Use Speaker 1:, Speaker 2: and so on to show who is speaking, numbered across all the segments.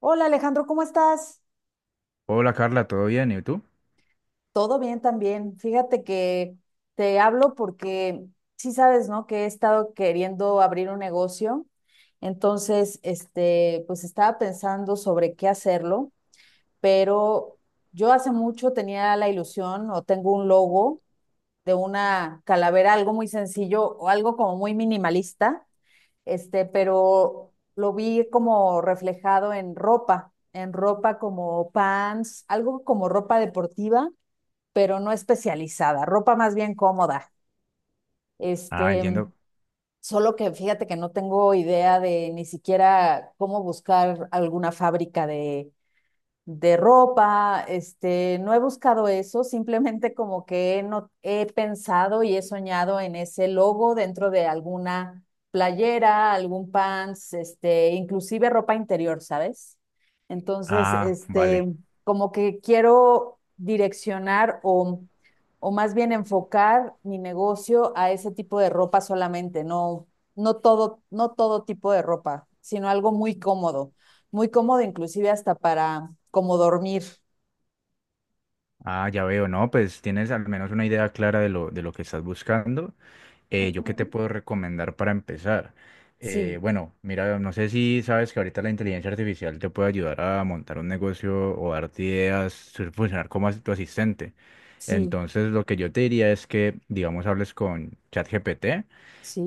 Speaker 1: Hola Alejandro, ¿cómo estás?
Speaker 2: Hola Carla, ¿todo bien? ¿Y tú?
Speaker 1: Todo bien también. Fíjate que te hablo porque sí sabes, ¿no? Que he estado queriendo abrir un negocio. Entonces, pues estaba pensando sobre qué hacerlo, pero yo hace mucho tenía la ilusión o tengo un logo de una calavera, algo muy sencillo o algo como muy minimalista, pero lo vi como reflejado en ropa como pants, algo como ropa deportiva, pero no especializada, ropa más bien cómoda.
Speaker 2: Ah,
Speaker 1: Este,
Speaker 2: entiendo.
Speaker 1: solo que fíjate que no tengo idea de ni siquiera cómo buscar alguna fábrica de ropa, no he buscado eso, simplemente como que no, he pensado y he soñado en ese logo dentro de alguna playera, algún pants, inclusive ropa interior, ¿sabes? Entonces,
Speaker 2: Ah, vale.
Speaker 1: como que quiero o más bien enfocar mi negocio a ese tipo de ropa solamente, no, no todo tipo de ropa, sino algo muy cómodo, inclusive hasta para como dormir.
Speaker 2: Ah, ya veo. No, pues tienes al menos una idea clara de lo que estás buscando. ¿Yo qué te
Speaker 1: Ujú.
Speaker 2: puedo recomendar para empezar?
Speaker 1: Sí,
Speaker 2: Bueno, Mira, no sé si sabes que ahorita la inteligencia artificial te puede ayudar a montar un negocio o darte ideas, funcionar como tu asistente.
Speaker 1: sí,
Speaker 2: Entonces, lo que yo te diría es que, digamos, hables con ChatGPT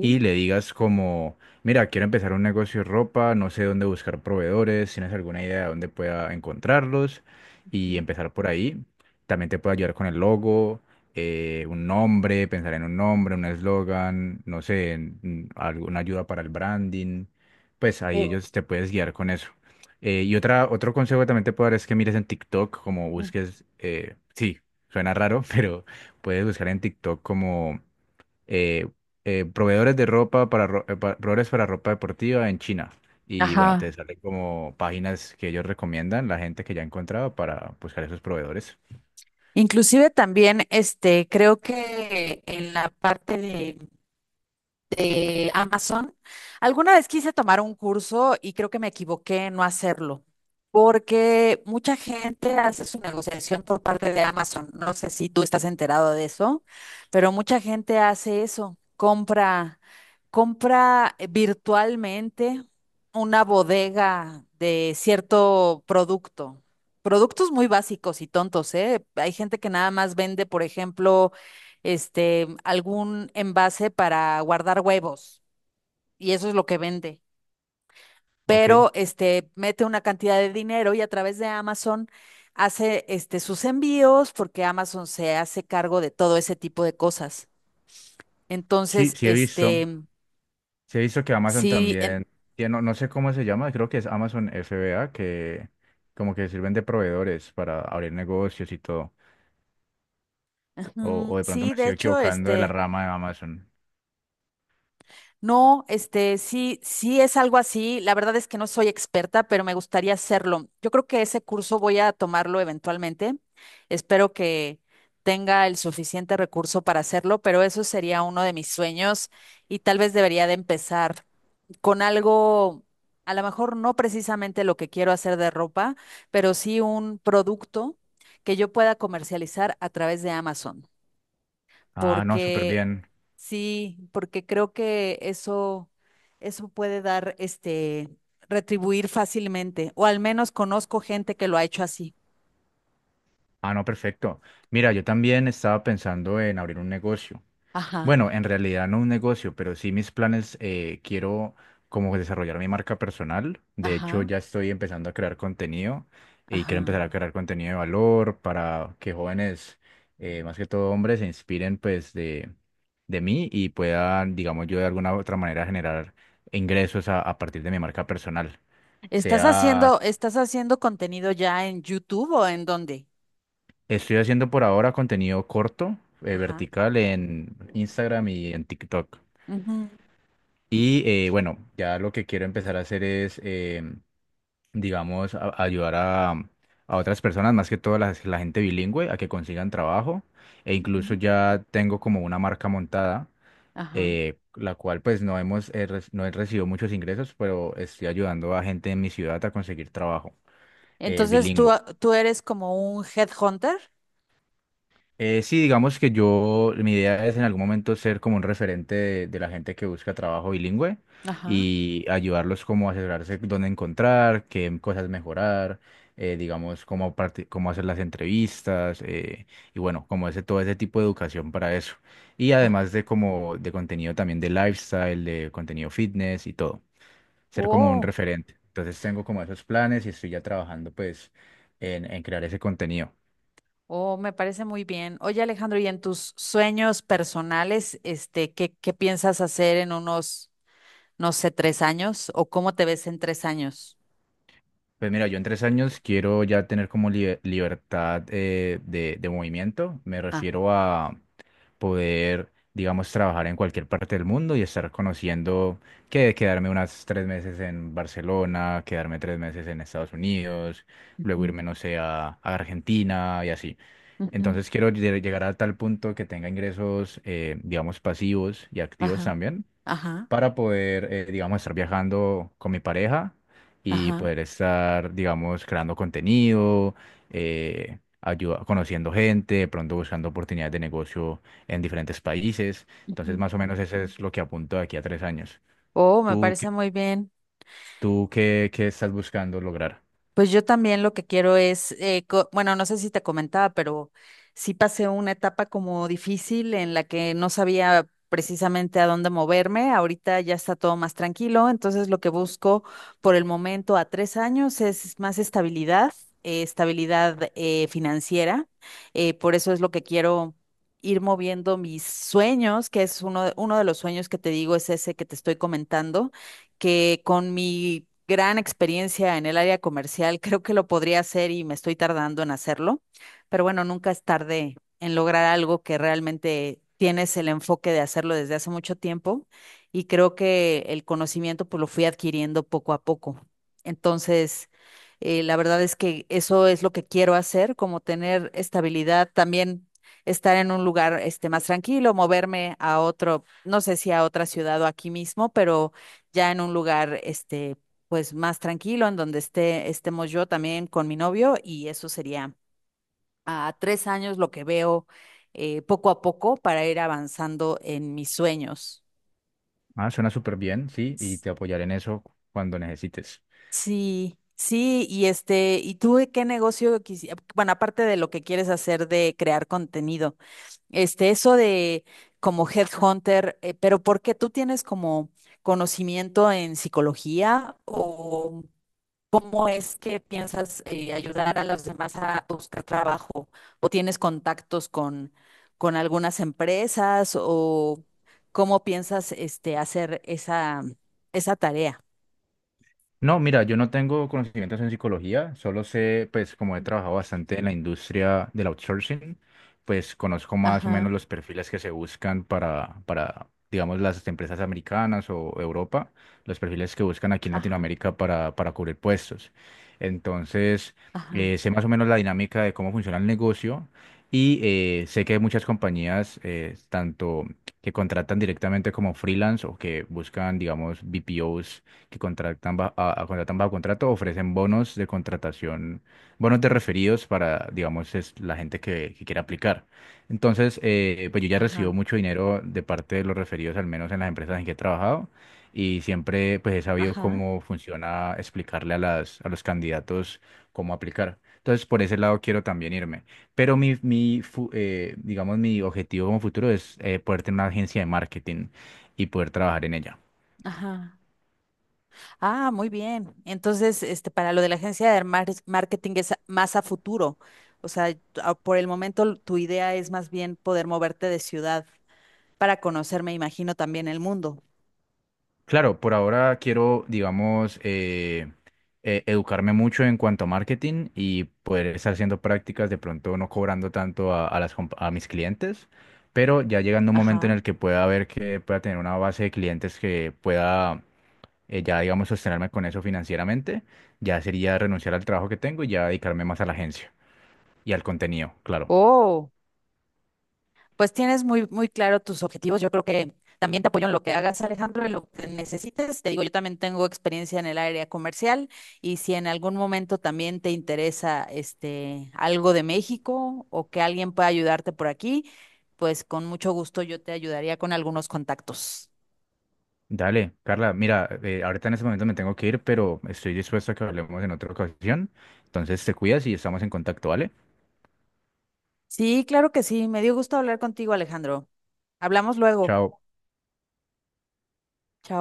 Speaker 2: y le digas como, mira, quiero empezar un negocio de ropa, no sé dónde buscar proveedores, tienes alguna idea de dónde pueda encontrarlos y empezar por ahí. También te puede ayudar con el logo, un nombre, pensar en un nombre, un eslogan, no sé, en alguna ayuda para el branding. Pues ahí
Speaker 1: Eh,
Speaker 2: ellos te puedes guiar con eso. Y otro consejo que también te puedo dar es que mires en TikTok, como busques, sí, suena raro, pero puedes buscar en TikTok como eh, proveedores de ropa para, proveedores para ropa deportiva en China. Y bueno,
Speaker 1: ajá.
Speaker 2: te salen como páginas que ellos recomiendan, la gente que ya ha encontrado para buscar esos proveedores.
Speaker 1: Inclusive también, creo que en la parte de Amazon. Alguna vez quise tomar un curso y creo que me equivoqué en no hacerlo, porque mucha gente hace su negociación por parte de Amazon. No sé si tú estás enterado de eso, pero mucha gente hace eso, compra virtualmente una bodega de cierto producto. Productos muy básicos y tontos, ¿eh? Hay gente que nada más vende, por ejemplo, algún envase para guardar huevos y eso es lo que vende.
Speaker 2: Ok.
Speaker 1: Pero mete una cantidad de dinero y a través de Amazon hace sus envíos porque Amazon se hace cargo de todo ese tipo de cosas.
Speaker 2: Sí,
Speaker 1: Entonces,
Speaker 2: sí he visto. Sí he visto que Amazon
Speaker 1: sí,
Speaker 2: también tiene, no, no sé cómo se llama, creo que es Amazon FBA, que como que sirven de proveedores para abrir negocios y todo. O,
Speaker 1: ujú,
Speaker 2: o de pronto
Speaker 1: sí,
Speaker 2: me
Speaker 1: de
Speaker 2: estoy
Speaker 1: hecho,
Speaker 2: equivocando de la rama de Amazon.
Speaker 1: No, sí, sí es algo así. La verdad es que no soy experta, pero me gustaría hacerlo. Yo creo que ese curso voy a tomarlo eventualmente. Espero que tenga el suficiente recurso para hacerlo, pero eso sería uno de mis sueños y tal vez debería de empezar con algo, a lo mejor no precisamente lo que quiero hacer de ropa, pero sí un producto que yo pueda comercializar a través de Amazon
Speaker 2: Ah, no, súper
Speaker 1: porque
Speaker 2: bien.
Speaker 1: sí, porque creo que eso puede dar, retribuir fácilmente, o al menos conozco gente que lo ha hecho así.
Speaker 2: Ah, no, perfecto. Mira, yo también estaba pensando en abrir un negocio.
Speaker 1: Ajá,
Speaker 2: Bueno, en realidad no un negocio, pero sí mis planes, quiero como desarrollar mi marca personal. De hecho,
Speaker 1: ajá,
Speaker 2: ya estoy empezando a crear contenido y quiero empezar a
Speaker 1: ajá.
Speaker 2: crear contenido de valor para que jóvenes, más que todo hombres, se inspiren pues de mí y puedan, digamos yo, de alguna u otra manera generar ingresos a partir de mi marca personal. Sea,
Speaker 1: Estás haciendo contenido ya en YouTube o en dónde?
Speaker 2: estoy haciendo por ahora contenido corto,
Speaker 1: Ajá.
Speaker 2: vertical en Instagram y en TikTok.
Speaker 1: Ujú,
Speaker 2: Y bueno, ya lo que quiero empezar a hacer es, digamos, ayudar a otras personas, más que todo la gente bilingüe, a que consigan trabajo. E incluso
Speaker 1: ujú,
Speaker 2: ya tengo como una marca montada,
Speaker 1: ajá.
Speaker 2: la cual pues no hemos, no he recibido muchos ingresos, pero estoy ayudando a gente en mi ciudad a conseguir trabajo
Speaker 1: Entonces
Speaker 2: bilingüe.
Speaker 1: tú eres como un headhunter.
Speaker 2: Sí, digamos que yo, mi idea es en algún momento ser como un referente de la gente que busca trabajo bilingüe
Speaker 1: Ajá,
Speaker 2: y ayudarlos como a asesorarse dónde encontrar, qué cosas mejorar, digamos, cómo hacer las entrevistas, y bueno, como ese, todo ese tipo de educación para eso. Y además
Speaker 1: ajá.
Speaker 2: de como de contenido también de lifestyle, de contenido fitness y todo, ser como un
Speaker 1: Oh.
Speaker 2: referente. Entonces tengo como esos planes y estoy ya trabajando pues en crear ese contenido.
Speaker 1: Oh, me parece muy bien. Oye, Alejandro, ¿y en tus sueños personales, qué, qué piensas hacer en unos, no sé, 3 años? ¿O cómo te ves en 3 años?
Speaker 2: Pues mira, yo en tres años quiero ya tener como libertad, de movimiento. Me
Speaker 1: Ah,
Speaker 2: refiero a poder, digamos, trabajar en cualquier parte del mundo y estar conociendo que quedarme unas tres meses en Barcelona, quedarme tres meses en Estados Unidos, luego irme,
Speaker 1: ujú,
Speaker 2: no sé, a Argentina y así.
Speaker 1: ujú,
Speaker 2: Entonces quiero llegar a tal punto que tenga ingresos, digamos, pasivos y activos
Speaker 1: ajá,
Speaker 2: también
Speaker 1: ajá,
Speaker 2: para poder, digamos, estar viajando con mi pareja y
Speaker 1: ajá.
Speaker 2: poder estar, digamos, creando contenido, conociendo gente, de pronto buscando oportunidades de negocio en diferentes países. Entonces,
Speaker 1: Ujú.
Speaker 2: más o menos eso es lo que apunto de aquí a tres años.
Speaker 1: Oh, me
Speaker 2: ¿Tú,
Speaker 1: parece
Speaker 2: qué-
Speaker 1: muy bien.
Speaker 2: Tú qué, ¿qué estás buscando lograr?
Speaker 1: Pues yo también lo que quiero es, bueno, no sé si te comentaba, pero sí pasé una etapa como difícil en la que no sabía precisamente a dónde moverme. Ahorita ya está todo más tranquilo, entonces lo que busco por el momento a 3 años es más estabilidad, estabilidad financiera. Eh, por eso es lo que quiero ir moviendo mis sueños, que es uno de los sueños que te digo, es ese que te estoy comentando que con mi gran experiencia en el área comercial creo que lo podría hacer y me estoy tardando en hacerlo, pero bueno, nunca es tarde en lograr algo que realmente tienes el enfoque de hacerlo desde hace mucho tiempo y creo que el conocimiento pues lo fui adquiriendo poco a poco. Entonces, la verdad es que eso es lo que quiero hacer, como tener estabilidad también estar en un lugar más tranquilo, moverme a otro, no sé si a otra ciudad o aquí mismo, pero ya en un lugar, pues más tranquilo, en donde esté, estemos yo también con mi novio, y eso sería a 3 años lo que veo poco a poco para ir avanzando en mis sueños.
Speaker 2: Ah, suena súper bien, sí, y
Speaker 1: S-
Speaker 2: te apoyaré en eso cuando necesites.
Speaker 1: Sí, sí, y ¿y tú de qué negocio quisieras? Bueno, aparte de lo que quieres hacer de crear contenido, eso de como headhunter, pero ¿por qué tú tienes como conocimiento en psicología o ¿cómo es que piensas ayudar a los demás a buscar trabajo? ¿O tienes contactos con algunas empresas? ¿O cómo piensas hacer esa tarea?
Speaker 2: No, mira, yo no tengo conocimientos en psicología, solo sé, pues como he trabajado bastante en la industria del outsourcing, pues conozco más o menos
Speaker 1: Ajá,
Speaker 2: los perfiles que se buscan para, digamos, las empresas americanas o Europa, los perfiles que buscan aquí en
Speaker 1: ajá,
Speaker 2: Latinoamérica para cubrir puestos. Entonces,
Speaker 1: ajá,
Speaker 2: sé más o menos la dinámica de cómo funciona el negocio y sé que hay muchas compañías, tanto que contratan directamente como freelance o que buscan, digamos, BPOs que contratan contratan bajo contrato, ofrecen bonos de contratación, bonos de referidos para, digamos, es la gente que quiera aplicar. Entonces, pues yo ya recibo
Speaker 1: ajá,
Speaker 2: mucho dinero de parte de los referidos, al menos en las empresas en que he trabajado, y siempre pues he sabido
Speaker 1: ajá,
Speaker 2: cómo funciona explicarle a a los candidatos cómo aplicar. Entonces, por ese lado quiero también irme. Pero digamos, mi objetivo como futuro es, poder tener una agencia de marketing y poder trabajar en ella.
Speaker 1: ajá. Ah, muy bien. Entonces, para lo de la agencia de marketing es más a futuro. O sea, ah, por el momento tu idea es más bien poder moverte de ciudad para conocer, me imagino, también el mundo.
Speaker 2: Claro, por ahora quiero, digamos, educarme mucho en cuanto a marketing y poder estar haciendo prácticas, de pronto no cobrando tanto a las, a mis clientes, pero ya llegando un momento en
Speaker 1: Ajá.
Speaker 2: el que pueda ver que pueda tener una base de clientes que pueda ya, digamos, sostenerme con eso financieramente, ya sería renunciar al trabajo que tengo y ya dedicarme más a la agencia y al contenido, claro.
Speaker 1: Oh, pues tienes muy claro tus objetivos. Yo creo que también te apoyo en lo que hagas, Alejandro, en lo que necesites. Te digo, yo también tengo experiencia en el área comercial y si en algún momento también te interesa algo de México o que alguien pueda ayudarte por aquí, pues con mucho gusto yo te ayudaría con algunos contactos.
Speaker 2: Dale, Carla, mira, ahorita en este momento me tengo que ir, pero estoy dispuesto a que hablemos en otra ocasión. Entonces te cuidas y estamos en contacto, ¿vale?
Speaker 1: Sí, claro que sí. Me dio gusto hablar contigo, Alejandro. Hablamos luego.
Speaker 2: Chao.
Speaker 1: Chao.